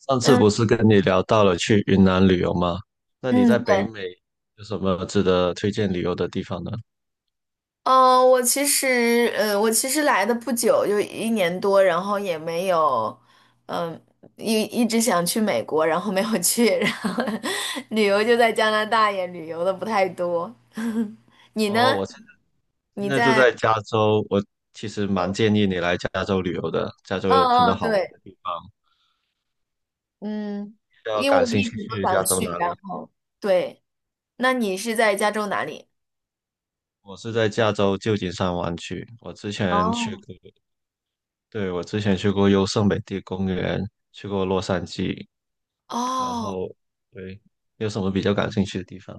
上次嗯不是跟你聊到了去云南旅游吗？那你嗯，在北对。美有什么值得推荐旅游的地方呢？我其实我其实来的不久，就一年多，然后也没有。嗯、一直想去美国，然后没有去，然后 旅游就在加拿大，也旅游的不太多。你哦，呢？我现你在住在？在加州，我其实蛮嗯建议你来加州旅游的。加州有很多嗯嗯，好玩对。的地方，嗯，比较因为我感兴一趣直都去加想州去，哪然里？后对，那你是在加州哪里？我是在加州旧金山湾区，我之前去哦过，对，我之前去过优胜美地公园，去过洛杉矶，然哦。后对，有什么比较感兴趣的地方？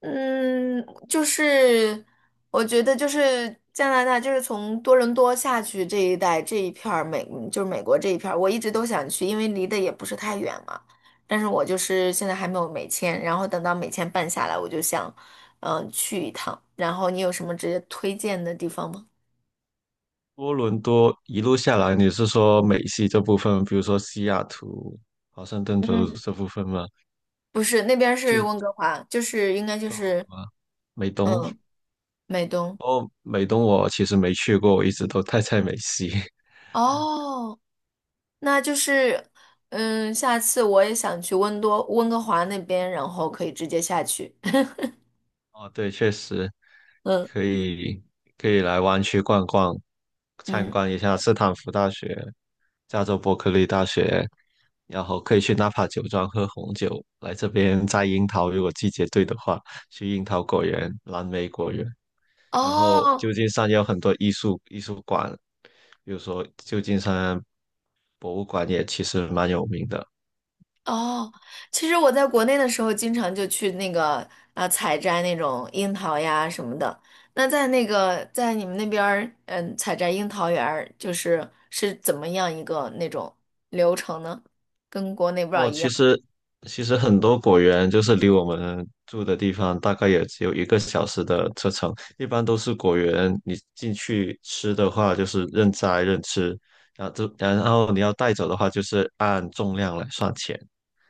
嗯，就是我觉得就是加拿大，就是从多伦多下去这一带这一片儿美，就是美国这一片儿，我一直都想去，因为离得也不是太远嘛。但是我就是现在还没有美签，然后等到美签办下来，我就想，去一趟。然后你有什么直接推荐的地方吗？多伦多一路下来，你是说美西这部分，比如说西雅图、华盛顿州嗯，这部分吗？不是，那边儿去是什温哥华，就是应该就是么美东？嗯，美东。哦，美东我其实没去过，我一直都待在美西。哦。那就是，嗯，下次我也想去温哥华那边，然后可以直接下去。哦，对，确实嗯可以来湾区逛逛，参嗯，观一下斯坦福大学、加州伯克利大学，然后可以去纳帕酒庄喝红酒。来这边摘樱桃，如果季节对的话，去樱桃果园、蓝莓果园。然后哦旧金山也有很多艺术馆，比如说旧金山博物馆也其实蛮有名的。哦，其实我在国内的时候，经常就去那个采摘那种樱桃呀什么的。那在那个在你们那边儿，嗯，采摘樱桃园儿就是是怎么样一个那种流程呢？跟国内不知道哦，一其样。实很多果园就是离我们住的地方大概也只有一个小时的车程，一般都是果园，你进去吃的话就是任摘任吃，然后就你要带走的话就是按重量来算钱。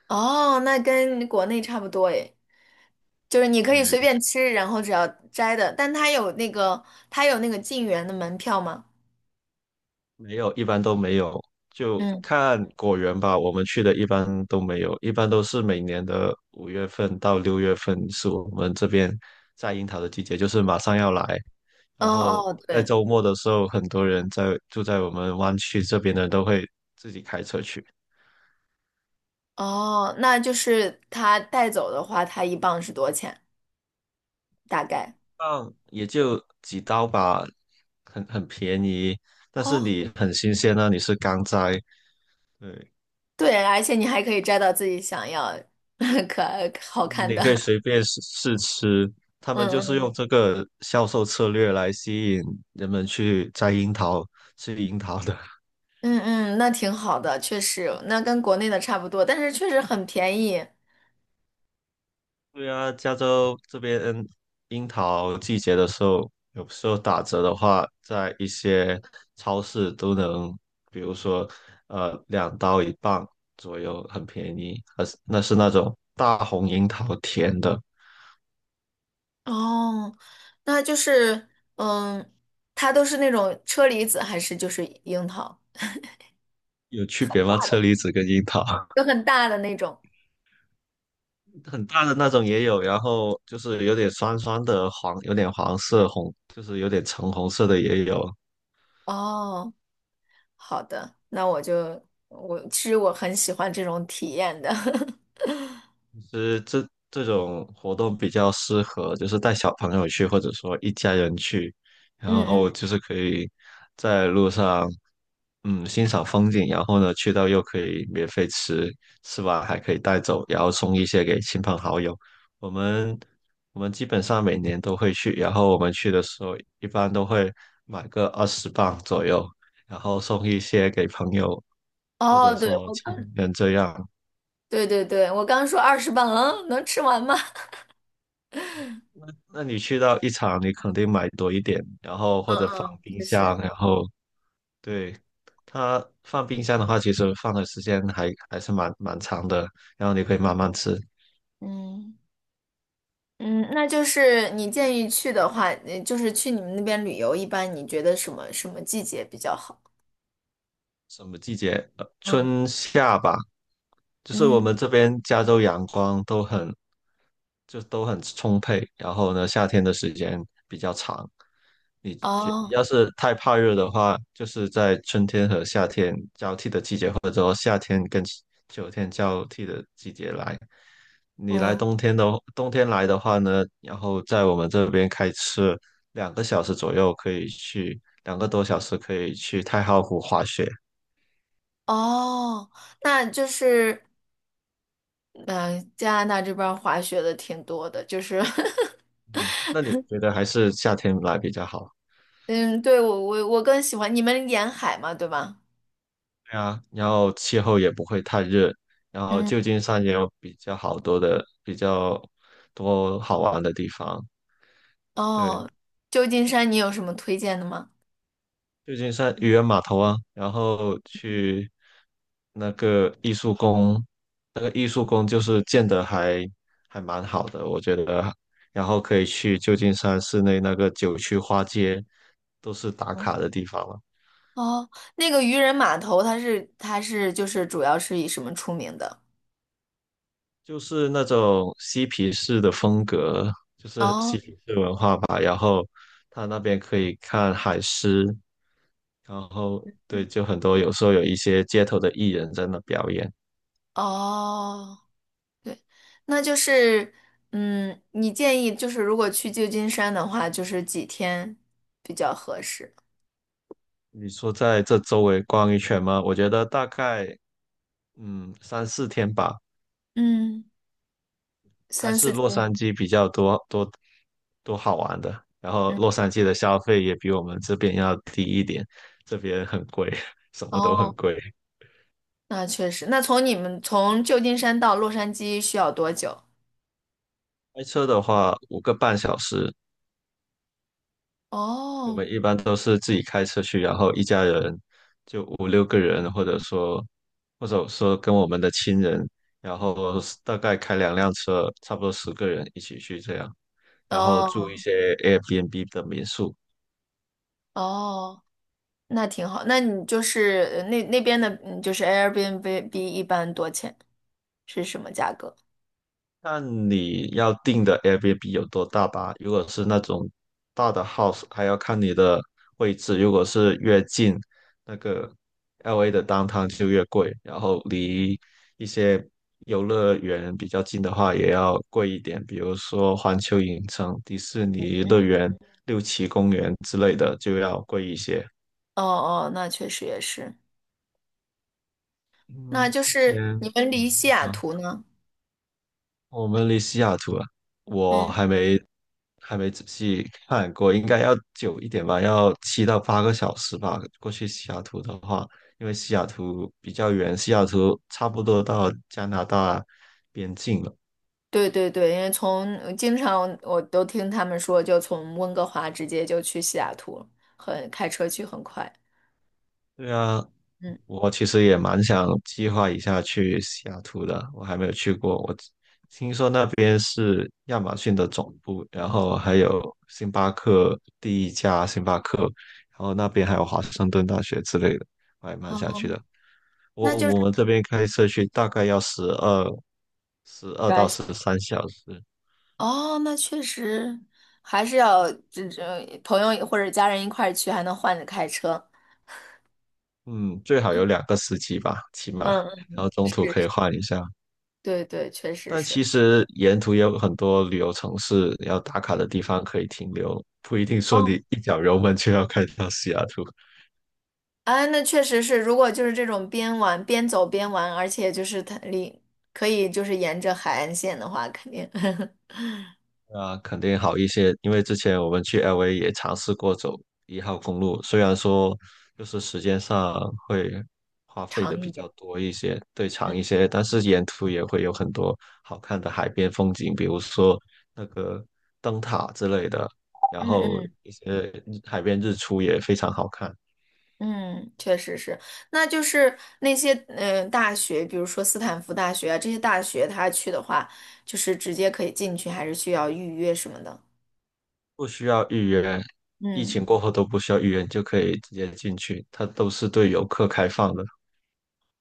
哦，那跟国内差不多诶。就是你可以对，随便吃，然后只要摘的，但它有那个进园的门票吗？没有，一般都没有，就嗯，看果园吧。我们去的一般都没有，一般都是每年的5月份到6月份是我们这边摘樱桃的季节，就是马上要来。哦然后哦，在对。周末的时候，很多人住在我们湾区这边的都会哦，那就是它带走的话，它一磅是多少钱？大概？放，也就几刀吧，很便宜，但是你哦，很新鲜啊，你是刚摘，对。对，而且你还可以摘到自己想要 可爱好看你的。可以随 便试试吃。他们就嗯是嗯用这个销售策略来吸引人们去摘樱桃、吃樱桃的。嗯嗯，那挺好的，确实，那跟国内的差不多，但是确实很便宜。对啊，加州这边樱桃季节的时候，有时候打折的话，在一些超市都能，比如说两刀一磅左右，很便宜。而是那是那种大红樱桃，甜的，哦，那就是，嗯，它都是那种车厘子还是就是樱桃？有区别吗？车厘子跟樱桃？就很大的那种。很大的那种也有，然后就是有点酸酸的黄，有点黄色红，就是有点橙红色的也有。哦，好的，那我就我其实我很喜欢这种体验的。其实这种活动比较适合，就是带小朋友去，或者说一家人去，然嗯嗯，后就是可以在路上，嗯，欣赏风景，然后呢，去到又可以免费吃，吃完还可以带走，然后送一些给亲朋好友。我们基本上每年都会去，然后我们去的时候一般都会买个20磅左右，然后送一些给朋友或哦，者对，说我亲刚人这样。对对对，我刚说20磅，嗯，能吃完吗？那那你去到一场，你肯定买多一点，然后嗯或者放嗯，冰确箱，实。然后对它放冰箱的话，其实放的时间还是蛮长的，然后你可以慢慢吃。嗯嗯，那就是你建议去的话，就是去你们那边旅游，一般你觉得什么季节比较好？什么季节？嗯春夏吧，就是我嗯，们这边加州阳光都很都很充沛，然后呢，夏天的时间比较长。你觉哦要是太怕热的话，就是在春天和夏天交替的季节，或者说夏天跟秋天交替的季节来。你来嗯冬天的来的话呢，然后在我们这边开车2个小时左右可以去，2个多小时可以去太浩湖滑雪。哦，那就是嗯、加拿大这边儿滑雪的挺多的，就是 那你觉得还是夏天来比较好？嗯，对，我更喜欢你们沿海嘛，对吧？对啊，然后气候也不会太热，然后嗯，旧金山也有比较好多的、比较多好玩的地方。对，哦，旧金山你有什么推荐的吗？旧金山渔人码头啊，然后去那个艺术宫，那个艺术宫就是建的还蛮好的，我觉得。然后可以去旧金山市内那个九曲花街，都是打嗯，卡的地方了。哦，那个渔人码头，它是就是主要是以什么出名的？就是那种嬉皮士的风格，就是哦嬉皮士文化吧。然后他那边可以看海狮，然后对，就很多有时候有一些街头的艺人在那表演。哦，对。那就是嗯，你建议就是如果去旧金山的话，就是几天比较合适？你说在这周围逛一圈吗？我觉得大概3、4天吧，嗯，还三是四洛杉天。矶比较多好玩的。然后嗯，洛杉矶的消费也比我们这边要低一点，这边很贵，什么都很哦，贵。那确实，那从你们从旧金山到洛杉矶需要多久？开车的话，5个半小时，我们哦，一般都是自己开车去，然后一家人5、6个人，或者说，跟我们的亲人，然后大概开2辆车，差不多10个人一起去这样，然后住哦一些 Airbnb 的民宿，哦，那挺好。那你就是那那边的，嗯就是 Airbnb 一般多钱是什么价格？看你要订的 Airbnb 有多大吧。如果是那种大的 house,还要看你的位置。如果是越近那个 LA 的 downtown 就越贵，然后离一些游乐园比较近的话也要贵一点，比如说环球影城、迪士尼乐嗯，园、六旗公园之类的就要贵一些。哦哦，那确实也是。那嗯，就是你嗯，们离西雅图呢？我们离西雅图啊，我嗯，还没仔细看过，应该要久一点吧，要7到8个小时吧。过去西雅图的话，因为西雅图比较远，西雅图差不多到加拿大边境了。对对对，因为从经常我都听他们说，就从温哥华直接就去西雅图了，很开车去很快。对啊，嗯，我其实也蛮想计划一下去西雅图的，我还没有去过。我听说那边是亚马逊的总部，然后还有星巴克第一家星巴克，然后那边还有华盛顿大学之类的，我还蛮想去哦的。我们这边开车去大概要十二抓到一下。十三小时，哦，那确实还是要这朋友或者家人一块儿去，还能换着开车。嗯，最好有2个司机吧，起码，嗯。然后中是，途可以是换一下。对对，确实但是。其实沿途也有很多旅游城市要打卡的地方可以停留，不一定说哦，你一脚油门就要开到西雅图，啊，那确实是，如果就是这种边玩边玩，而且就是它离可以就是沿着海岸线的话，肯定 啊，肯定好一些。因为之前我们去 LA 也尝试过走1号公路，虽然说就是时间上会花费长的一比点。较多一些，对长嗯一些，但是沿途也会有很多好看的海边风景，比如说那个灯塔之类的，然嗯后嗯一些海边日出也非常好看。嗯，确实是。那就是那些大学，比如说斯坦福大学啊这些大学，他去的话，就是直接可以进去，还是需要预约什么的？不需要预约，疫嗯。情过后都不需要预约，你就可以直接进去，它都是对游客开放的。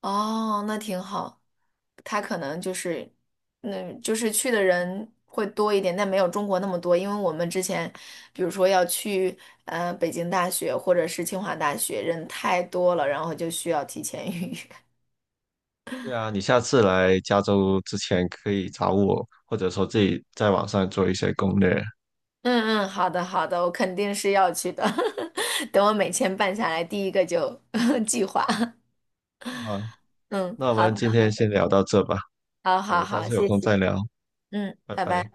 哦，那挺好。他可能就是，嗯，就是去的人会多一点，但没有中国那么多。因为我们之前，比如说要去北京大学或者是清华大学，人太多了，然后就需要提前预约。对啊，你下次来加州之前可以找我，或者说自己在网上做一些攻略。嗯嗯，好的好的，我肯定是要去的。等我美签办下来，第一个就 计划。啊，嗯，那我好们的，今天先聊到这吧，好我好们下好，次有谢空谢。再聊，嗯，拜拜拜。拜。